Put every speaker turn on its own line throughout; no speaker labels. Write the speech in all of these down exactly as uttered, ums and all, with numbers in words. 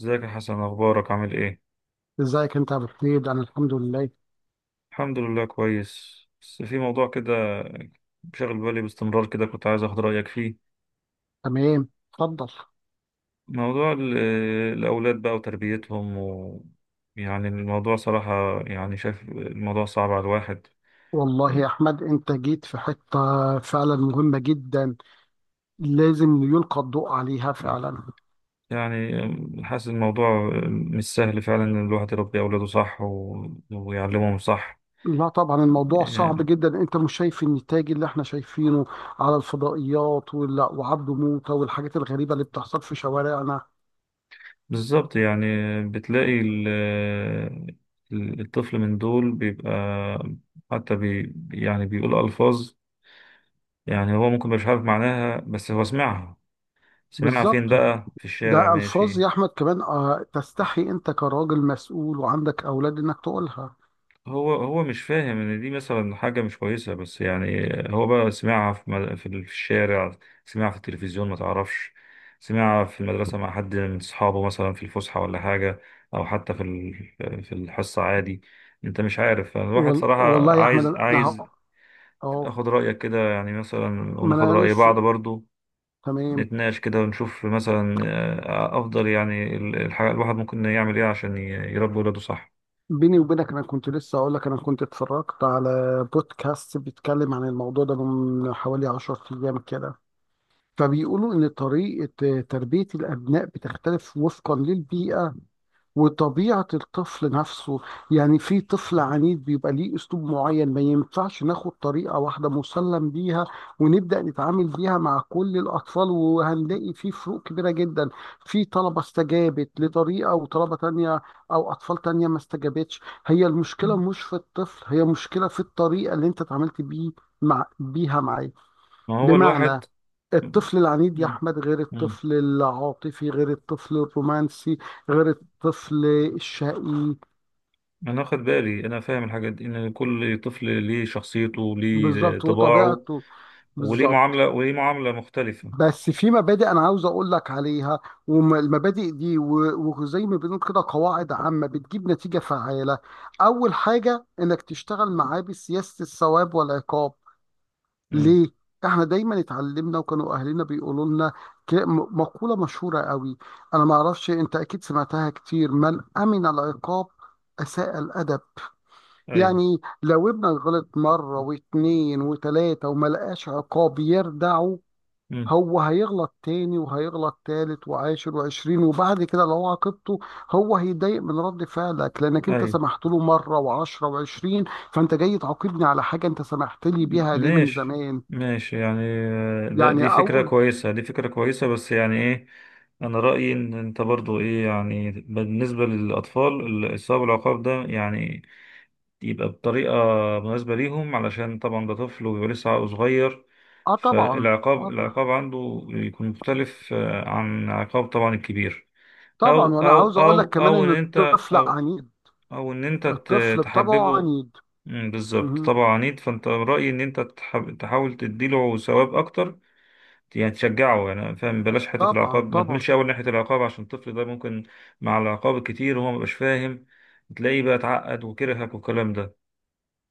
ازيك يا حسن؟ اخبارك؟ عامل ايه؟
ازيك انت يا ابو حميد؟ انا الحمد لله.
الحمد لله كويس، بس في موضوع كده شاغل بالي باستمرار كده، كنت عايز اخد رايك فيه.
تمام، اتفضل.
موضوع ال- الاولاد بقى وتربيتهم و... يعني الموضوع صراحه، يعني شايف الموضوع صعب على الواحد.
والله يا احمد انت جيت في حته فعلا مهمه جدا، لازم يلقى الضوء عليها فعلا.
يعني حاسس الموضوع مش سهل فعلا، ان الواحد يربي اولاده صح و... ويعلمهم صح.
لا طبعا الموضوع صعب جدا، انت مش شايف النتاج اللي احنا شايفينه على الفضائيات وال- وعبده موته والحاجات الغريبه اللي بتحصل في شوارعنا.
بالظبط، يعني بتلاقي ال- ال- الطفل من دول بيبقى حتى بي يعني بيقول ألفاظ. يعني هو ممكن مش عارف معناها، بس هو سمعها. سمعها
بالظبط،
فين بقى؟ في الشارع
ده الفاظ
ماشي.
يا احمد كمان آه، تستحي انت كراجل مسؤول وعندك اولاد انك تقولها.
هو هو مش فاهم ان دي مثلا حاجه مش كويسه، بس يعني هو بقى سمعها في مد- في الشارع، سمعها في التلفزيون ما تعرفش، سمعها في المدرسه مع حد من اصحابه مثلا في الفسحه ولا حاجه، او حتى في ال- في الحصه عادي. انت مش عارف. الواحد
وال-
صراحه
والله يا احمد
عايز
انا
عايز
هق- اه،
اخد رايك كده، يعني مثلا
ما
وناخد
انا
راي بعض
لسه.
برضو،
تمام.
نتناقش كده ونشوف مثلا آه، افضل يعني ال- الح- الواحد ممكن يعمل ايه عشان ي- يربي ولاده صح.
بيني وبينك انا كنت لسه اقول لك، انا كنت اتفرجت على بودكاست بيتكلم عن الموضوع ده من حوالي عشرة ايام كده. فبيقولوا ان طريقة تربية الابناء بتختلف وفقا للبيئة وطبيعة الطفل نفسه. يعني في طفل عنيد بيبقى ليه أسلوب معين، ما ينفعش ناخد طريقة واحدة مسلم بيها ونبدأ نتعامل بيها مع كل الأطفال، وهنلاقي في فروق كبيرة جدا. في طلبة استجابت لطريقة وطلبة تانية أو أطفال تانية ما استجابتش. هي المشكلة مش في الطفل، هي مشكلة في الطريقة اللي أنت اتعاملت بيه مع بيها معاه.
ما هو الواحد.
بمعنى،
مم.
الطفل العنيد يا
مم.
أحمد غير
مم.
الطفل العاطفي غير الطفل الرومانسي غير الطفل الشقي.
انا واخد بالي، انا فاهم الحاجات دي، ان كل طفل ليه شخصيته، ليه
بالظبط
طباعه،
وطبيعته.
وليه
بالظبط.
معاملة وليه معاملة مختلفة.
بس في مبادئ أنا عاوز أقول لك عليها، والمبادئ دي و- وزي ما بنقول كده قواعد عامة بتجيب نتيجة فعالة. أول حاجة إنك تشتغل معاه بسياسة الثواب والعقاب.
امم.
ليه؟ احنا دايما اتعلمنا وكانوا اهلنا بيقولوا لنا ك- م- مقولة مشهورة قوي، انا ما اعرفش انت اكيد سمعتها كتير: من امن العقاب اساء الادب.
ايوه.
يعني لو ابنك غلط مرة واتنين وتلاتة وما لقاش عقاب يردعه،
امم.
هو هيغلط تاني وهيغلط تالت وعاشر وعشرين، وبعد كده لو عاقبته هو هيتضايق من رد فعلك لانك انت
ايوه.
سمحت له مرة وعشرة وعشرين. فانت جاي تعاقبني على حاجة انت سمحت لي
م-
بيها ليه من
ماشي.
زمان.
ماشي، يعني آه، ده
يعني
دي فكرة
اول.
كويسة، دي فكرة كويسة، بس يعني ايه؟ انا رأيي ان انت برضو ايه، يعني بالنسبة للاطفال الصواب العقاب ده يعني يبقى بطريقة مناسبة ليهم، علشان طبعا ده طفل وبيبقى لسه عقله صغير،
اه طبعا.
فالعقاب
آه
العقاب عنده يكون مختلف آه، عن عقاب طبعا الكبير.
طبعا،
أو
وانا
أو
عاوز اقول لك
أو
كمان
أو إن
ان
أنت
الطفل
أو
عنيد.
أو إن أنت ت-
الطفل بطبعه
تحببه.
عنيد.
مم، بالظبط،
مهم.
طبعا عنيد. فأنت رأيي إن أنت تح- تحاول تديله ثواب أكتر، يعني تشجعه، يعني فاهم. بلاش حتة
طبعا
العقاب، ما
طبعا.
تملش أول ناحية العقاب، عشان الطفل ده ممكن مع العقاب الكتير وهو مبقاش فاهم تلاقيه بقى اتعقد وكرهك والكلام ده.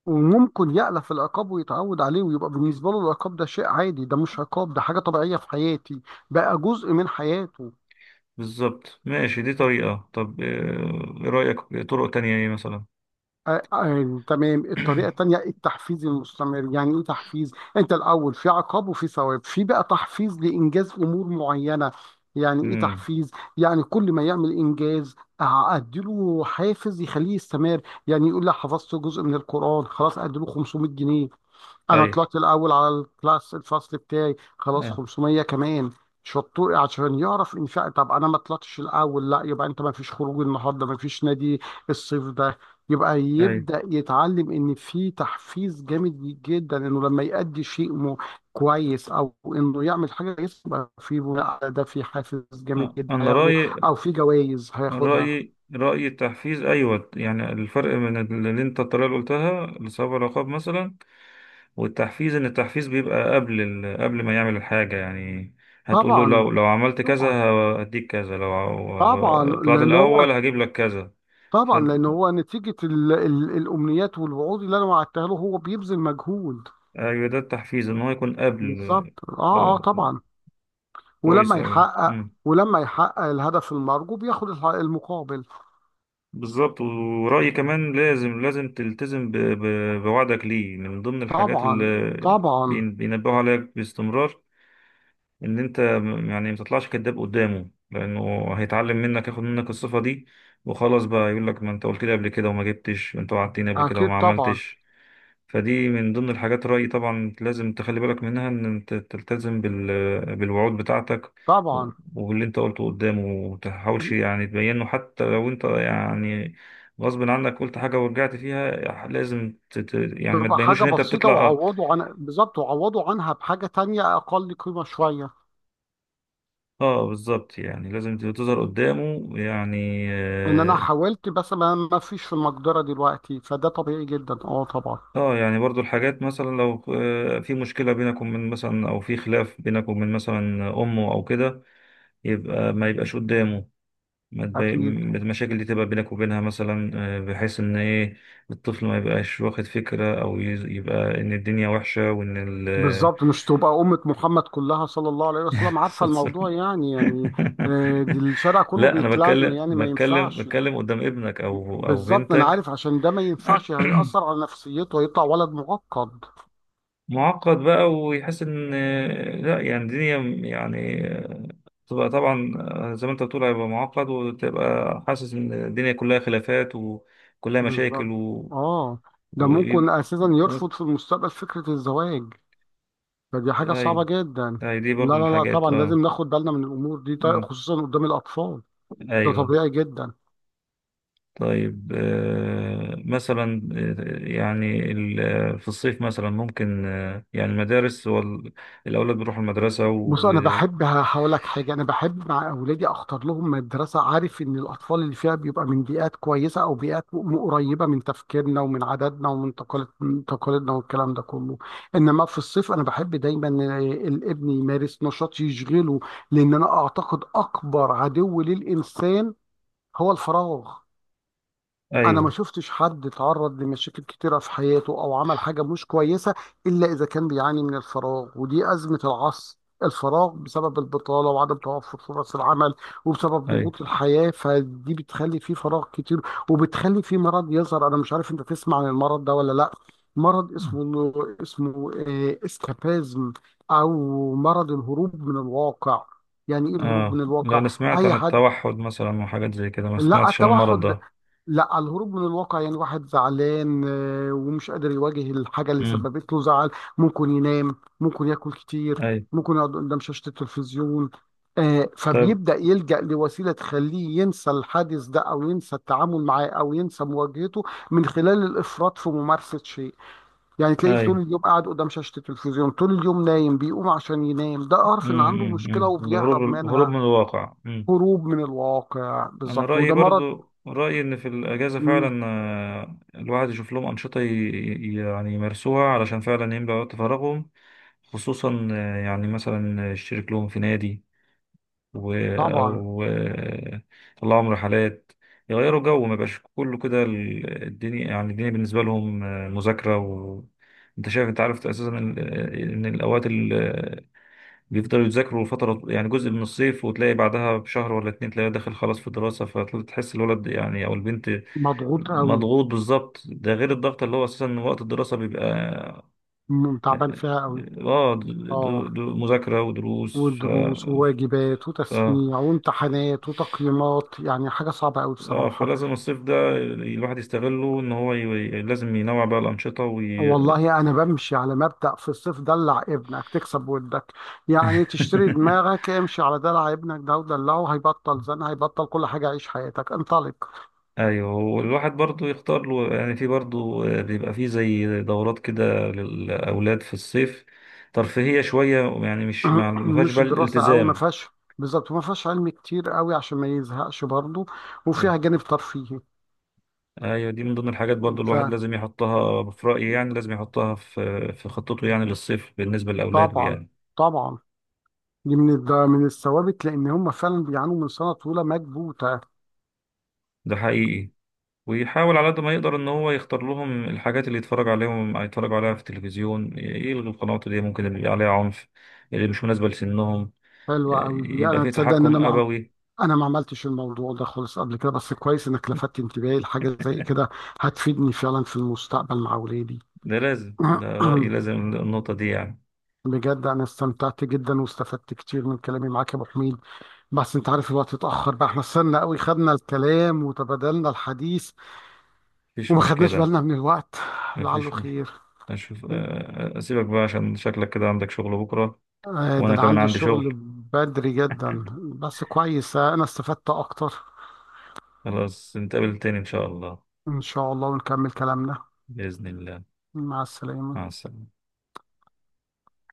وممكن يألف العقاب ويتعود عليه ويبقى بالنسبة له العقاب ده شيء عادي، ده مش عقاب، ده حاجة طبيعية في حياتي، بقى جزء من حياته.
بالظبط، ماشي. دي طريقة. طب آه، ايه رأيك؟ طرق تانية ايه مثلا؟
آه، آه، تمام. الطريقة التانية التحفيز المستمر. يعني ايه تحفيز؟ انت الاول في عقاب وفي ثواب، في بقى تحفيز لانجاز امور معينة. يعني ايه
امم.
تحفيز؟ يعني كل ما يعمل انجاز آه، اديله حافز يخليه يستمر. يعني يقول لي حفظت جزء من القرآن، خلاص اديله خمسمية جنيه. انا
اي.
طلعت الاول على الكلاس، الفصل بتاعي، خلاص
اي.
خمسمية كمان. شطور، عشان يعرف ان فعلا. طب انا ما طلعتش الاول، لا، يبقى انت ما فيش خروج النهارده، ما فيش نادي الصيف ده. يبقى
اي.
يبدا يتعلم ان في تحفيز جامد جدا انه لما يأدي شيء مو كويس او انه يعمل حاجه كويسه يبقى في بناء على ده في حافز جامد
آه،
جدا
انا
هياخده
رأيي،
او في جوائز هياخدها.
رأيي رأيي التحفيز، ايوه. يعني الفرق من اللي انت الطريقة اللي قلتها لصاحب العقاب مثلا والتحفيز، ان التحفيز بيبقى قبل ال... قبل ما يعمل الحاجة، يعني هتقول له لو
طبعا
لو عملت كذا
طبعا.
هديك كذا. لو
طبعا
ع- طلعت
لان هو.
الاول هجيب لك كذا. ف
طبعا لان هو نتيجه ال ال الامنيات والوعود اللي انا وعدتها له هو بيبذل مجهود.
ايوه، ده التحفيز، ان هو يكون قبل.
بالظبط، اه اه
آه،
طبعا.
كويس
ولما
اوي.
يحقق. ولما يحقق الهدف المرجو بياخد الح- المقابل.
بالظبط، ورأيي كمان لازم، لازم تلتزم ب- ب- بوعدك ليه، يعني من ضمن الحاجات
طبعا
اللي
طبعا.
بين- بينبهوا عليك باستمرار، ان انت م- يعني ما تطلعش كذاب قدامه، لانه هيتعلم منك، ياخد منك الصفة دي وخلاص، بقى يقول لك ما انت قلت لي قبل كده وما جبتش، انت وعدتني قبل كده
اكيد
وما
طبعا
عملتش. فدي من ضمن الحاجات. رأيي طبعا لازم تخلي بالك منها، إن أنت تلتزم بال... بالوعود بتاعتك و-
طبعا.
وباللي أنت قلته قدامه، ومتحاولش يعني تبينه، حتى لو أنت يعني غصب عنك قلت حاجة ورجعت فيها لازم ت... ت- يعني ما
تبقى
تبينوش
حاجه
إن أنت
بسيطه
بتطلع آه,
وعوضوا عن. بالظبط، وعوضوا عنها بحاجه تانية اقل قيمه شويه.
آه بالظبط، يعني لازم تظهر قدامه يعني
ان انا
آه
حاولت بس ما ما فيش في المقدره دلوقتي، فده طبيعي جدا، اه طبعا.
آه، يعني برضو الحاجات مثلا لو آه، في مشكلة بينك ومن مثلا، أو في خلاف بينك ومن مثلا أمه أو كده، يبقى ما يبقاش قدامه، ما تبي-
اكيد.
م- المشاكل دي تبقى بينك وبينها مثلا، آه، بحيث ان ايه، الطفل ما يبقاش واخد فكرة، او يز- يبقى ان الدنيا وحشة، وان ال
بالظبط، مش تبقى أمة محمد كلها صلى الله عليه وسلم عارفة
سنسور.
الموضوع يعني يعني آه، دي الشارع كله
لا، انا
بيتلم،
بتكلم
يعني ما
بتكلم
ينفعش.
بتكلم قدام ابنك او او
بالظبط، أنا
بنتك.
عارف عشان ده ما ينفعش، هيأثر على نفسيته، هيطلع ولد معقد.
معقد بقى، ويحس ان آه، لا يعني الدنيا، يعني آه، تبقى طبعا آه، زي ما انت بتقول هيبقى معقد، وتبقى حاسس ان الدنيا كلها خلافات وكلها مشاكل
بالظبط.
و...
آه، ده ممكن أساسا
و...
يرفض في المستقبل فكرة الزواج، فدي حاجة
ايوه.
صعبة جدا.
أيوة، دي
لا
برضو من
لا لا،
الحاجات،
طبعا لازم
اه.
ناخد بالنا من الأمور دي، طيب،
مم.
خصوصا قدام الأطفال. ده
ايوه.
طبيعي جدا.
طيب آه مثلا، آه، يعني ال- آه، في الصيف مثلا ممكن آه، يعني المدارس هو ال- الاولاد بيروحوا المدرسه و...
بص انا بحب هقول لك حاجه، انا بحب مع اولادي اختار لهم مدرسه، عارف ان الاطفال اللي فيها بيبقى من بيئات كويسه او بيئات م- قريبه من تفكيرنا ومن عاداتنا ومن تقاليد من تقاليدنا والكلام ده كله. انما في الصيف انا بحب دايما آه، الابن يمارس نشاط يشغله، لان انا اعتقد اكبر عدو للانسان هو الفراغ. انا ما
ايوه.
شفتش حد اتعرض لمشاكل كتيره في حياته او عمل حاجه مش كويسه الا اذا كان بيعاني من الفراغ، ودي ازمه العصر. الفراغ بسبب البطاله وعدم توفر فرص العمل، وبسبب
ايوه.
ضغوط الحياه، فدي بتخلي فيه فراغ كتير وبتخلي فيه مرض يظهر. انا مش عارف انت تسمع عن المرض ده ولا لا. مرض اسمه، اسمه آه، اسكابازم، او مرض الهروب من الواقع. يعني ايه الهروب
اه،
من
لا،
الواقع؟
انا سمعت
اي
عن
حد.
التوحد مثلا وحاجات زي كده، ما
لا
سمعتش عن المرض
التوحد،
ده.
لا، على الهروب من الواقع. يعني واحد زعلان آه، ومش قادر يواجه الحاجة اللي
امم.
سببت له زعل، ممكن ينام، ممكن ياكل كتير،
ايوه.
ممكن يقعد قدام شاشة التلفزيون. آه،
طيب.
فبيبدأ يلجأ لوسيلة تخليه ينسى الحادث ده أو ينسى التعامل معاه أو ينسى مواجهته من خلال الإفراط في ممارسة شيء. يعني تلاقيه
ايوه.
طول اليوم قاعد قدام شاشة التلفزيون، طول اليوم نايم، بيقوم عشان ينام، ده أعرف إن عنده
امم
مشكلة
الهروب
وبيهرب
الهروب من
منها.
الواقع.
هروب من الواقع
انا
بالظبط،
رايي
وده مرض.
برضو، رايي ان في الاجازه
مم.
فعلا آه، الواحد يشوف لهم انشطه ي- ي- يعني يمارسوها، علشان فعلا يملى وقت فراغهم. خصوصا آه، يعني مثلا يشترك لهم في نادي، و
طبعا.
او آه، يطلعهم رحلات يغيروا جو. ما يبقاش كله كده ال- الدنيا، يعني الدنيا بالنسبه لهم آه، مذاكره و... انت شايف، انت عارف اساسا ال- آه، ان الاوقات بيفضلوا يذاكروا فترة، يعني جزء من الصيف، وتلاقي بعدها بشهر ولا اتنين تلاقيه داخل خلاص في الدراسة، فتحس الولد يعني أو البنت
مضغوط قوي.
مضغوط. بالظبط، ده غير الضغط اللي هو أساسا وقت الدراسة بيبقى.
م- تعبان فيها قوي.
اه، دو
اه.
دو مذاكرة ودروس ف...
ودروس وواجبات
ف... اه،
وتسميع وامتحانات وتقييمات، يعني حاجة صعبة قوي
آه،
بصراحة.
فلازم الصيف ده الواحد يستغله، إن هو ي... لازم ينوع بقى الأنشطة وي...
والله أنا بمشي على مبدأ في الصيف دلع ابنك تكسب ودك، يعني تشتري دماغك، امشي على دلع ابنك، ده ودلعه هيبطل زن، هيبطل كل حاجة، عيش حياتك، انطلق.
ايوه، والواحد برضو يختار له، يعني في برضو آه، بيبقى في زي دورات كده للاولاد في الصيف، ترفيهيه شويه، يعني مش مع ما فيهاش
مش
بقى
دراسة قوي، ما
الالتزام.
فيهاش. بالظبط، ما فيهاش علم كتير قوي عشان ما يزهقش برضه،
أيوة.
وفيها جانب ترفيهي.
ايوه، دي من ضمن الحاجات برضو الواحد لازم يحطها في رايي، يعني لازم يحطها في في خطته يعني للصيف بالنسبه لاولاده
فطبعا
يعني.
طبعا، دي من الد- من الثوابت، لان هم فعلا بيعانوا من سنه طويله مكبوته.
ده حقيقي. ويحاول على قد ما يقدر ان هو يختار لهم الحاجات اللي يتفرج عليهم يتفرج عليها في التلفزيون، يلغي القنوات اللي ممكن اللي عليها عنف، اللي مش مناسبه لسنهم. آه،
حلوه قوي دي،
يبقى
انا
في
تصدق ان
تحكم
انا ما،
أبوي.
انا ما عملتش الموضوع ده خالص قبل كده، بس كويس انك لفتت انتباهي لحاجه زي كده، هتفيدني فعلا في المستقبل مع اولادي.
ده لازم، ده رأيي، لازم النقطة دي يعني.
بجد انا استمتعت جدا واستفدت كتير من كلامي معاك يا ابو حميد، بس انت عارف الوقت اتاخر بقى، احنا استنى قوي خدنا الكلام وتبادلنا الحديث
مفيش
وما خدناش
مشكلة.
بالنا من الوقت. لعله
مفيش مش...
خير.
أشوف، أ- أسيبك بقى عشان شكلك كده عندك شغل بكرة،
آه، ده
وأنا
انا
كمان
عندي
عندي
شغل
شغل.
بدري جدا، بس كويس آه، انا استفدت اكتر.
خلاص، نتقابل تاني إن شاء الله.
ان شاء الله ونكمل كلامنا.
بإذن الله.
مع السلامة.
مع السلامة.